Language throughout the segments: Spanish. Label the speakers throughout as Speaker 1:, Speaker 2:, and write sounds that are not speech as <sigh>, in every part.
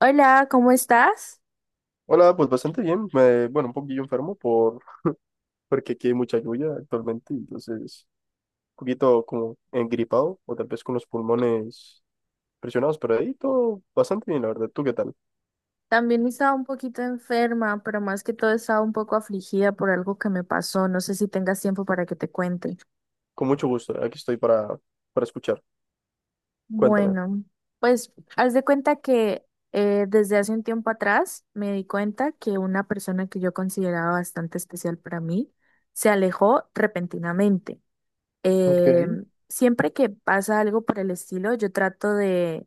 Speaker 1: Hola, ¿cómo estás?
Speaker 2: Hola, pues bastante bien. Bueno, un poquillo enfermo por, <laughs> porque aquí hay mucha lluvia actualmente, entonces un poquito como engripado o tal vez con los pulmones presionados, pero ahí todo bastante bien, la verdad. ¿Tú qué tal?
Speaker 1: También estaba un poquito enferma, pero más que todo estaba un poco afligida por algo que me pasó. No sé si tengas tiempo para que te cuente.
Speaker 2: Con mucho gusto, aquí estoy para escuchar. Cuéntame.
Speaker 1: Bueno, pues haz de cuenta que desde hace un tiempo atrás me di cuenta que una persona que yo consideraba bastante especial para mí se alejó repentinamente.
Speaker 2: Ok.
Speaker 1: Siempre que pasa algo por el estilo, yo trato de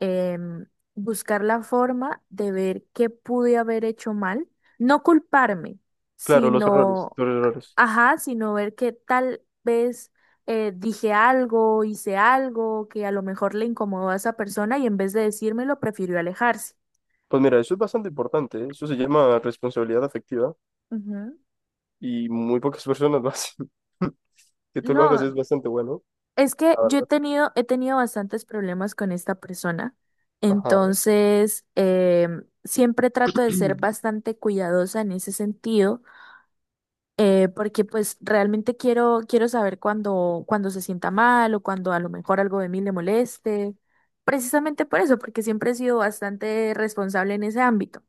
Speaker 1: em, buscar la forma de ver qué pude haber hecho mal, no culparme,
Speaker 2: Claro, los errores,
Speaker 1: sino,
Speaker 2: los errores.
Speaker 1: ajá, sino ver que tal vez dije algo, hice algo que a lo mejor le incomodó a esa persona y en vez de decírmelo, prefirió alejarse.
Speaker 2: Pues mira, eso es bastante importante, ¿eh? Eso se llama responsabilidad afectiva
Speaker 1: Ujú.
Speaker 2: y muy pocas <laughs> personas lo hacen. <laughs> Que tú lo hagas
Speaker 1: No,
Speaker 2: es bastante bueno,
Speaker 1: es que
Speaker 2: la
Speaker 1: yo
Speaker 2: verdad.
Speaker 1: he tenido bastantes problemas con esta persona,
Speaker 2: Ajá. <clears throat>
Speaker 1: entonces siempre trato de ser bastante cuidadosa en ese sentido, porque pues realmente quiero, quiero saber cuando, cuando se sienta mal o cuando a lo mejor algo de mí le moleste, precisamente por eso, porque siempre he sido bastante responsable en ese ámbito.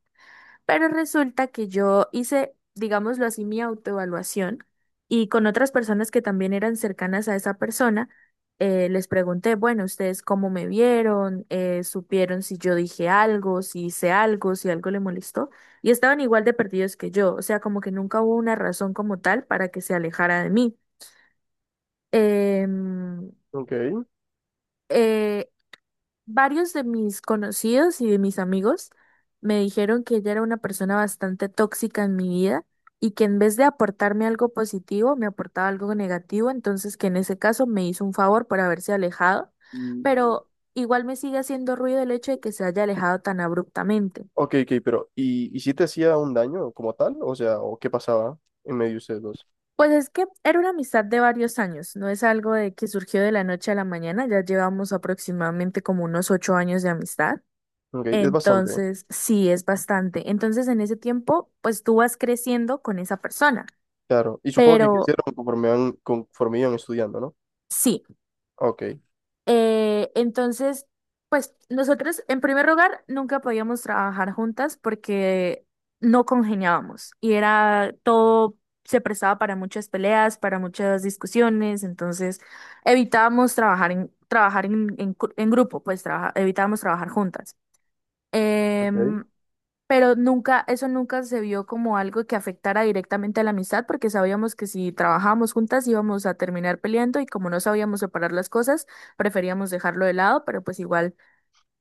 Speaker 1: Pero resulta que yo hice, digámoslo así, mi autoevaluación y con otras personas que también eran cercanas a esa persona, les pregunté, bueno, ¿ustedes cómo me vieron? ¿Eh, supieron si yo dije algo, si hice algo, si algo le molestó? Y estaban igual de perdidos que yo, o sea, como que nunca hubo una razón como tal para que se alejara de mí. Em,
Speaker 2: Ok.
Speaker 1: eh, Varios de mis conocidos y de mis amigos me dijeron que ella era una persona bastante tóxica en mi vida y que en vez de aportarme algo positivo, me aportaba algo negativo, entonces que en ese caso me hizo un favor por haberse alejado, pero igual me sigue haciendo ruido el hecho de que se haya alejado tan abruptamente.
Speaker 2: Ok, ok, pero ¿y si te hacía un daño como tal? O sea, ¿o qué pasaba en medio de ustedes dos?
Speaker 1: Pues es que era una amistad de varios años, no es algo de que surgió de la noche a la mañana, ya llevamos aproximadamente como unos 8 años de amistad.
Speaker 2: Ok, es bastante, ¿eh?
Speaker 1: Entonces, sí, es bastante. Entonces, en ese tiempo, pues tú vas creciendo con esa persona.
Speaker 2: Claro. Y supongo que
Speaker 1: Pero
Speaker 2: crecieron conforme, van, conforme iban estudiando, ¿no?
Speaker 1: sí,
Speaker 2: Ok,
Speaker 1: entonces, pues nosotros, en primer lugar, nunca podíamos trabajar juntas porque no congeniábamos y era todo, se prestaba para muchas peleas, para muchas discusiones. Entonces, evitábamos trabajar en grupo, evitábamos trabajar juntas. Em,
Speaker 2: ok.
Speaker 1: Pero nunca, eso nunca se vio como algo que afectara directamente a la amistad, porque sabíamos que si trabajábamos juntas íbamos a terminar peleando y como no sabíamos separar las cosas, preferíamos dejarlo de lado, pero pues igual,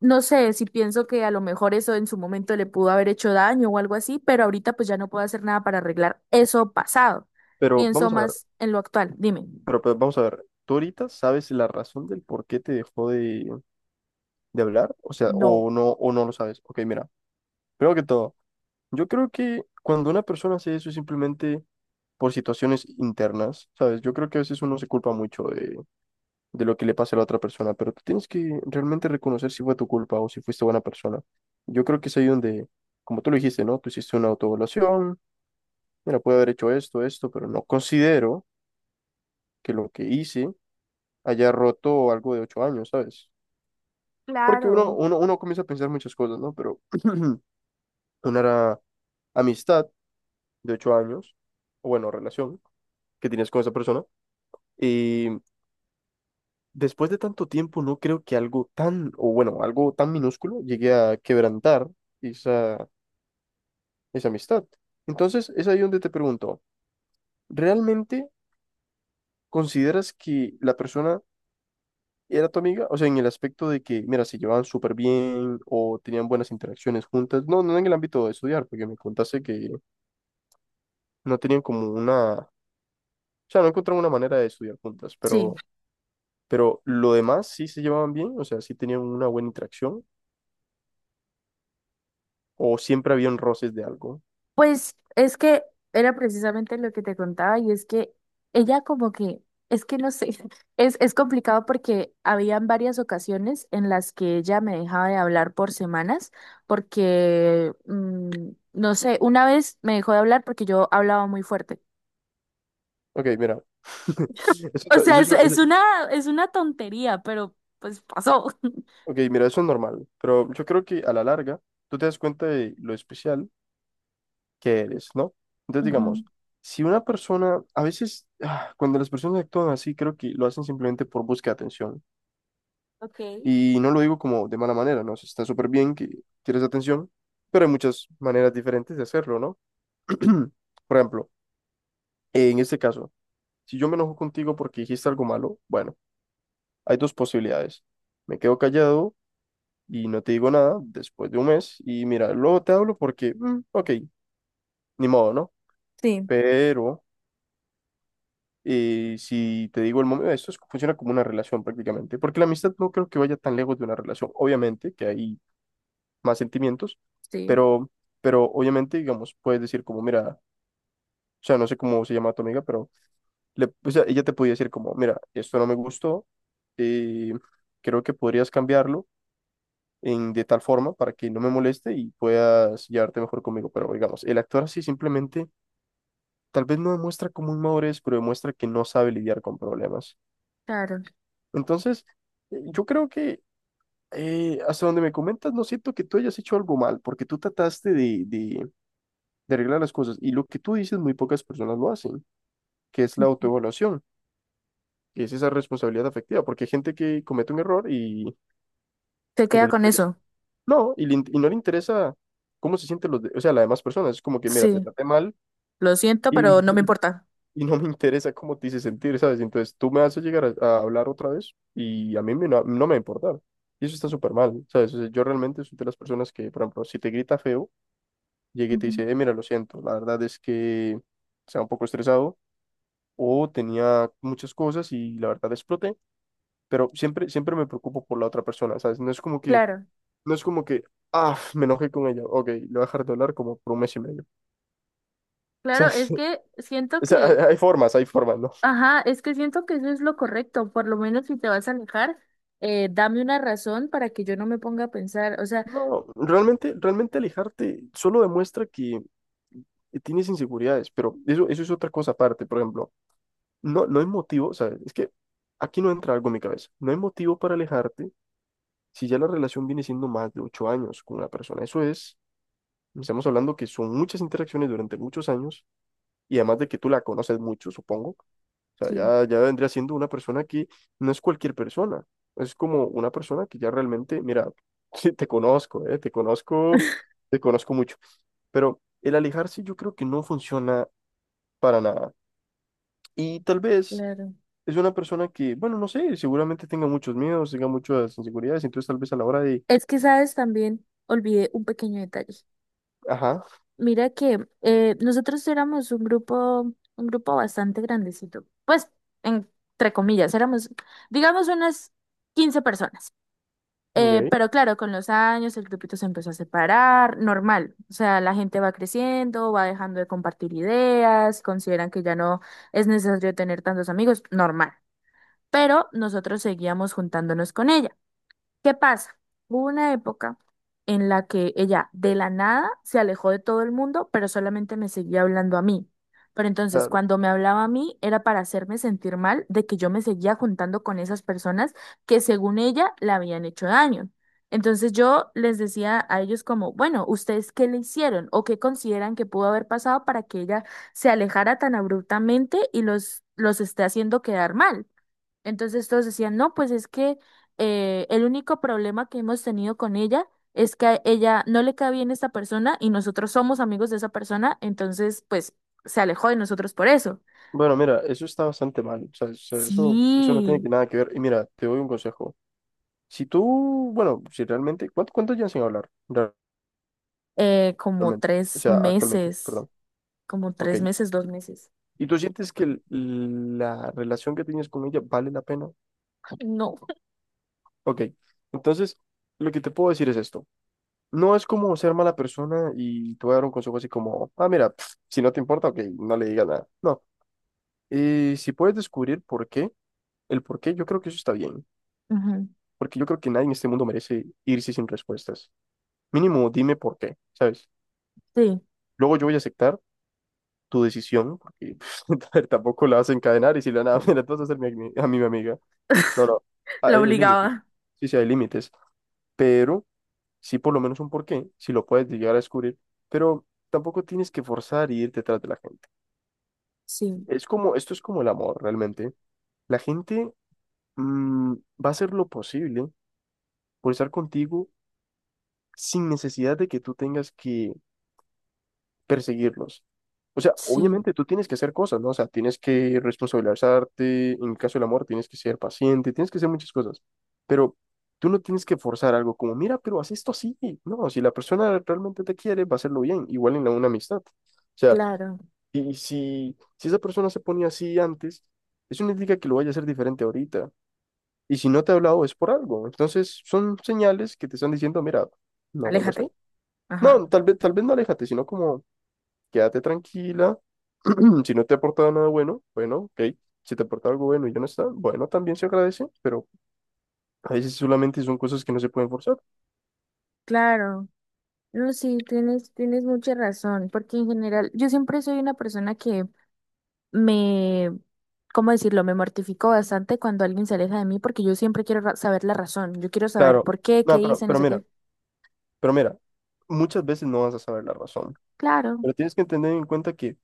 Speaker 1: no sé si pienso que a lo mejor eso en su momento le pudo haber hecho daño o algo así, pero ahorita pues ya no puedo hacer nada para arreglar eso pasado.
Speaker 2: Pero
Speaker 1: Pienso
Speaker 2: vamos a ver,
Speaker 1: más en lo actual. Dime.
Speaker 2: pero vamos a ver, ¿tú ahorita sabes la razón del por qué te dejó de, hablar? O sea,
Speaker 1: No.
Speaker 2: o no lo sabes. Ok, mira, primero que todo, yo creo que cuando una persona hace eso es simplemente por situaciones internas, ¿sabes? Yo creo que a veces uno se culpa mucho de lo que le pase a la otra persona, pero tú tienes que realmente reconocer si fue tu culpa o si fuiste buena persona. Yo creo que es ahí donde, como tú lo dijiste, ¿no? Tú hiciste una autoevaluación, mira, puedo haber hecho esto, esto, pero no considero que lo que hice haya roto algo de 8 años, ¿sabes? Porque uno,
Speaker 1: Claro.
Speaker 2: uno, uno comienza a pensar muchas cosas, ¿no? Pero <clears throat> una era amistad de 8 años, o bueno, relación que tienes con esa persona, y después de tanto tiempo, no creo que algo tan, o bueno, algo tan minúsculo llegue a quebrantar esa, esa amistad. Entonces, es ahí donde te pregunto, ¿realmente consideras que la persona era tu amiga? O sea, en el aspecto de que, mira, se llevaban súper bien o tenían buenas interacciones juntas. No, no en el ámbito de estudiar, porque me contaste que no tenían como una, o sea, no encontraron una manera de estudiar juntas,
Speaker 1: Sí.
Speaker 2: pero, lo demás sí se llevaban bien, o sea, sí tenían una buena interacción o siempre habían roces de algo.
Speaker 1: Pues es que era precisamente lo que te contaba y es que ella como que, es que no sé, <laughs> es complicado porque habían varias ocasiones en las que ella me dejaba de hablar por semanas porque, no sé, una vez me dejó de hablar porque yo hablaba muy fuerte.
Speaker 2: Ok, mira. <laughs> Eso,
Speaker 1: O
Speaker 2: no-
Speaker 1: sea,
Speaker 2: eso yo- eso-
Speaker 1: es una tontería, pero pues pasó. <laughs>
Speaker 2: ok, mira, eso es normal, pero yo creo que a la larga tú te das cuenta de lo especial que eres, ¿no? Entonces,
Speaker 1: Ujú.
Speaker 2: digamos, si una persona, a veces, cuando las personas actúan así, creo que lo hacen simplemente por búsqueda de atención.
Speaker 1: Ok.
Speaker 2: Y no lo digo como de mala manera, ¿no? O sea, está súper bien que quieres atención, pero hay muchas maneras diferentes de hacerlo, ¿no? <clears throat> Por ejemplo, en este caso, si yo me enojo contigo porque dijiste algo malo, bueno, hay dos posibilidades. Me quedo callado y no te digo nada después de un mes y mira, luego te hablo porque, ok, ni modo, ¿no?
Speaker 1: Sí,
Speaker 2: Pero si te digo el momento, funciona como una relación prácticamente, porque la amistad no creo que vaya tan lejos de una relación, obviamente que hay más sentimientos,
Speaker 1: sí,
Speaker 2: pero, obviamente, digamos, puedes decir como, mira, o sea, no sé cómo se llama tu amiga, pero le, o sea, ella te podía decir como, mira, esto no me gustó, eh, creo que podrías cambiarlo en, de tal forma para que no me moleste y puedas llevarte mejor conmigo. Pero digamos, el actuar así simplemente tal vez no demuestra como inmadurez, pero demuestra que no sabe lidiar con problemas.
Speaker 1: claro.
Speaker 2: Entonces, yo creo que hasta donde me comentas, no siento que tú hayas hecho algo mal, porque tú trataste de arreglar las cosas y lo que tú dices, muy pocas personas lo hacen, que es la autoevaluación. Que es esa responsabilidad afectiva, porque hay gente que comete un error y,
Speaker 1: Se
Speaker 2: no
Speaker 1: queda
Speaker 2: le
Speaker 1: con
Speaker 2: interesa.
Speaker 1: eso.
Speaker 2: No, y no le interesa cómo se sienten los, o sea, las demás personas. Es como que, mira, te
Speaker 1: Sí,
Speaker 2: traté mal
Speaker 1: lo siento,
Speaker 2: y,
Speaker 1: pero no me
Speaker 2: <laughs>
Speaker 1: importa.
Speaker 2: y no me interesa cómo te hice sentir, ¿sabes? Entonces tú me haces llegar a hablar otra vez y a mí no, no me va a importar. Y eso está súper mal, ¿sabes? O sea, yo realmente soy de las personas que, por ejemplo, si te grita feo, llegué y te
Speaker 1: Ujú.
Speaker 2: dice, mira, lo siento, la verdad es que estaba un poco estresado o tenía muchas cosas y la verdad exploté, pero siempre, siempre me preocupo por la otra persona, ¿sabes? No es como que
Speaker 1: Claro.
Speaker 2: No es como que, ah, me enojé con ella. Ok, le voy a dejar de hablar como por un mes y medio. O
Speaker 1: Claro,
Speaker 2: sea,
Speaker 1: es
Speaker 2: <laughs>
Speaker 1: que siento
Speaker 2: o sea, hay
Speaker 1: que,
Speaker 2: hay formas, hay formas, ¿no?
Speaker 1: ajá, es que siento que eso es lo correcto, por lo menos si te vas a alejar, dame una razón para que yo no me ponga a pensar, o sea,
Speaker 2: No, realmente, realmente alejarte solo demuestra que tienes inseguridades, pero eso es otra cosa aparte. Por ejemplo, no, no hay motivo, o sea, es que aquí no entra algo en mi cabeza. No hay motivo para alejarte si ya la relación viene siendo más de 8 años con una persona. Eso es, estamos hablando que son muchas interacciones durante muchos años y además de que tú la conoces mucho, supongo. O sea,
Speaker 1: sí,
Speaker 2: ya, ya vendría siendo una persona que no es cualquier persona. Es como una persona que ya realmente, mira, <laughs> sí, te conozco, te conozco, te conozco mucho. Pero el alejarse yo creo que no funciona para nada. Y tal vez
Speaker 1: claro.
Speaker 2: es una persona que, bueno, no sé, seguramente tenga muchos miedos, tenga muchas inseguridades, entonces tal vez a la hora de,
Speaker 1: Es que, sabes, también olvidé un pequeño detalle.
Speaker 2: ajá,
Speaker 1: Mira que nosotros éramos un grupo bastante grandecito, pues, entre comillas, éramos, digamos, unas 15 personas.
Speaker 2: ok,
Speaker 1: Pero claro, con los años el grupito se empezó a separar, normal. O sea, la gente va creciendo, va dejando de compartir ideas, consideran que ya no es necesario tener tantos amigos, normal. Pero nosotros seguíamos juntándonos con ella. ¿Qué pasa? Hubo una época en la que ella de la nada se alejó de todo el mundo, pero solamente me seguía hablando a mí. Pero entonces,
Speaker 2: claro.
Speaker 1: cuando me hablaba a mí, era para hacerme sentir mal de que yo me seguía juntando con esas personas que según ella le habían hecho daño. Entonces yo les decía a ellos como, bueno, ¿ustedes qué le hicieron o qué consideran que pudo haber pasado para que ella se alejara tan abruptamente y los esté haciendo quedar mal? Entonces todos decían, no, pues es que el único problema que hemos tenido con ella es que a ella no le cae bien esta persona y nosotros somos amigos de esa persona, entonces pues se alejó de nosotros por eso.
Speaker 2: Bueno, mira, eso está bastante mal. O sea, eso no tiene
Speaker 1: Sí,
Speaker 2: que nada que ver. Y mira, te doy un consejo. Si tú, bueno, si realmente, ¿cuánto llevan sin hablar?
Speaker 1: como
Speaker 2: Actualmente, o
Speaker 1: tres
Speaker 2: sea, actualmente,
Speaker 1: meses,
Speaker 2: perdón.
Speaker 1: como
Speaker 2: Ok.
Speaker 1: 3 meses, 2 meses.
Speaker 2: ¿Y tú sientes que la relación que tienes con ella vale la pena?
Speaker 1: Ay, no.
Speaker 2: Ok. Entonces, lo que te puedo decir es esto. No es como ser mala persona y te voy a dar un consejo así como, ah, mira, pf, si no te importa, ok, no le digas nada. No. Y si puedes descubrir por qué, el por qué, yo creo que eso está bien.
Speaker 1: Ujú,
Speaker 2: Porque yo creo que nadie en este mundo merece irse sin respuestas. Mínimo, dime por qué, ¿sabes?
Speaker 1: sí,
Speaker 2: Luego yo voy a aceptar tu decisión, ¿no? Porque <laughs> a ver, tampoco la vas a encadenar y si la nada, <laughs> mira, tú vas a hacer a mí mi amiga. No, no, ah,
Speaker 1: la
Speaker 2: el límite.
Speaker 1: obligaba.
Speaker 2: Sí, sí, hay límites, pero sí por lo menos un porqué, si lo puedes llegar a descubrir, pero tampoco tienes que forzar y ir detrás de la gente.
Speaker 1: Sí,
Speaker 2: Es como, esto es como el amor, realmente. La gente mm, va a hacer lo posible por estar contigo sin necesidad de que tú tengas que perseguirlos. O sea,
Speaker 1: sí,
Speaker 2: obviamente tú tienes que hacer cosas, ¿no? O sea, tienes que responsabilizarte, en el caso del amor tienes que ser paciente, tienes que hacer muchas cosas, pero tú no tienes que forzar algo como, mira, pero haz esto así, no, si la persona realmente te quiere, va a hacerlo bien, igual en la, una amistad. O sea,
Speaker 1: claro.
Speaker 2: y si esa persona se ponía así antes, eso no indica que lo vaya a hacer diferente ahorita. Y si no te ha hablado es por algo. Entonces son señales que te están diciendo, mira, no vuelvas
Speaker 1: Aléjate.
Speaker 2: ahí.
Speaker 1: Ajá,
Speaker 2: No, tal vez no aléjate, sino como quédate tranquila. <clears throat> Si no te ha aportado nada bueno, bueno, ok. Si te aporta algo bueno y ya no está, bueno, también se agradece, pero a veces solamente son cosas que no se pueden forzar.
Speaker 1: claro. No, sí, tienes, tienes mucha razón, porque en general yo siempre soy una persona que me, ¿cómo decirlo? Me mortifico bastante cuando alguien se aleja de mí porque yo siempre quiero saber la razón. Yo quiero saber
Speaker 2: Claro,
Speaker 1: por qué, qué
Speaker 2: no, pero,
Speaker 1: hice, no
Speaker 2: pero
Speaker 1: sé
Speaker 2: mira,
Speaker 1: qué.
Speaker 2: pero mira, muchas veces no vas a saber la razón,
Speaker 1: Claro,
Speaker 2: pero tienes que tener en cuenta que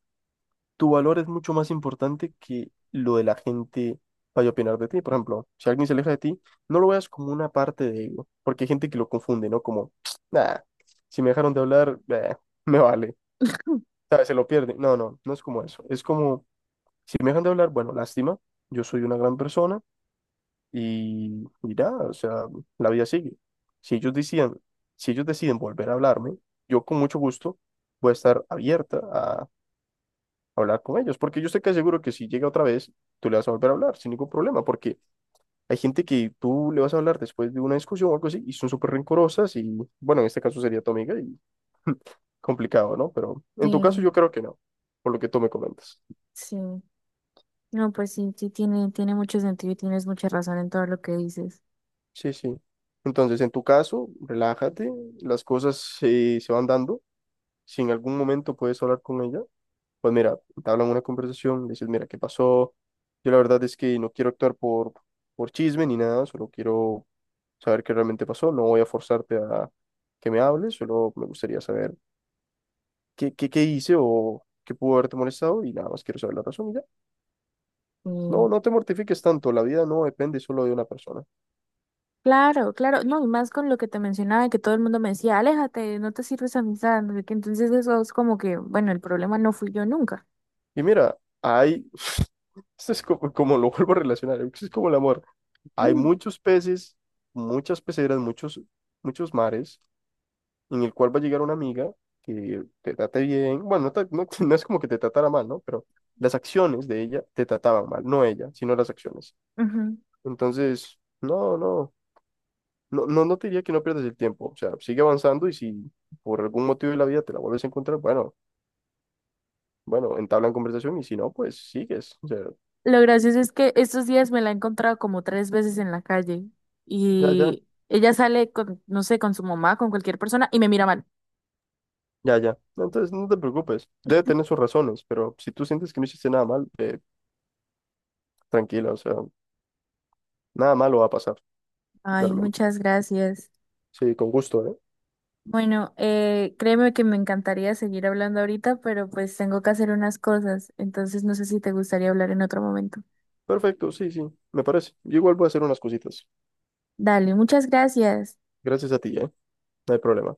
Speaker 2: tu valor es mucho más importante que lo de la gente vaya a opinar de ti. Por ejemplo, si alguien se aleja de ti, no lo veas como una parte de ego, porque hay gente que lo confunde, ¿no? Como, <tsk> nada, si me dejaron de hablar, me vale. Sea, se lo pierde. No, no, no es como eso. Es como, si me dejan de hablar, bueno, lástima, yo soy una gran persona y ya, o sea, la vida sigue. Si ellos decían, si ellos deciden volver a hablarme, yo con mucho gusto voy a estar abierta a hablar con ellos, porque yo sé que seguro que si llega otra vez, tú le vas a volver a hablar sin ningún problema, porque hay gente que tú le vas a hablar después de una discusión o algo así y son súper rencorosas y, bueno, en este caso sería tu amiga y complicado, ¿no? Pero en tu caso
Speaker 1: sí,
Speaker 2: yo creo que no, por lo que tú me comentas.
Speaker 1: sí. No, pues sí, sí tiene, tiene mucho sentido y tienes mucha razón en todo lo que dices.
Speaker 2: Sí, sí. Entonces, en tu caso, relájate, las cosas se van dando. Si en algún momento puedes hablar con ella, pues mira, te hablan una conversación, le dices, mira, ¿qué pasó? Yo la verdad es que no quiero actuar por chisme ni nada, solo quiero saber qué realmente pasó. No voy a forzarte a que me hables, solo me gustaría saber qué hice o qué pudo haberte molestado y nada más quiero saber la razón y ya.
Speaker 1: Mm,
Speaker 2: No, no te mortifiques tanto, la vida no depende solo de una persona.
Speaker 1: claro, claro, no, y más con lo que te mencionaba, que todo el mundo me decía, aléjate, no te sirves amistad, no sé qué. Entonces eso es como que, bueno, el problema no fui yo nunca.
Speaker 2: Y mira, hay, <laughs> esto es como, como lo vuelvo a relacionar, esto es como el amor. Hay
Speaker 1: Mm,
Speaker 2: muchos peces, muchas peceras, muchos, muchos mares, en el cual va a llegar una amiga que te trate bien. Bueno, no, <laughs> no es como que te tratara mal, ¿no? Pero las acciones de ella te trataban mal, no ella, sino las acciones.
Speaker 1: ujú.
Speaker 2: Entonces, no, no, no, no, no te diría que no pierdas el tiempo. O sea, sigue avanzando y si por algún motivo de la vida te la vuelves a encontrar, bueno, bueno, entablan conversación y si no, pues sigues. O sea,
Speaker 1: Lo gracioso es que estos días me la he encontrado como 3 veces en la calle
Speaker 2: ya, ya.
Speaker 1: y ella sale con, no sé, con su mamá, con cualquier persona y me mira mal.
Speaker 2: Ya, ya. No, entonces no te preocupes. Debe tener sus razones, pero si tú sientes que no hiciste nada mal, tranquila, o sea, nada malo va a pasar,
Speaker 1: Ay,
Speaker 2: realmente.
Speaker 1: muchas gracias.
Speaker 2: Sí, con gusto, ¿eh?
Speaker 1: Bueno, créeme que me encantaría seguir hablando ahorita, pero pues tengo que hacer unas cosas, entonces no sé si te gustaría hablar en otro momento.
Speaker 2: Perfecto, sí, sí, me parece. Yo igual voy a hacer unas cositas.
Speaker 1: Dale, muchas gracias.
Speaker 2: Gracias a ti, ¿eh? No hay problema.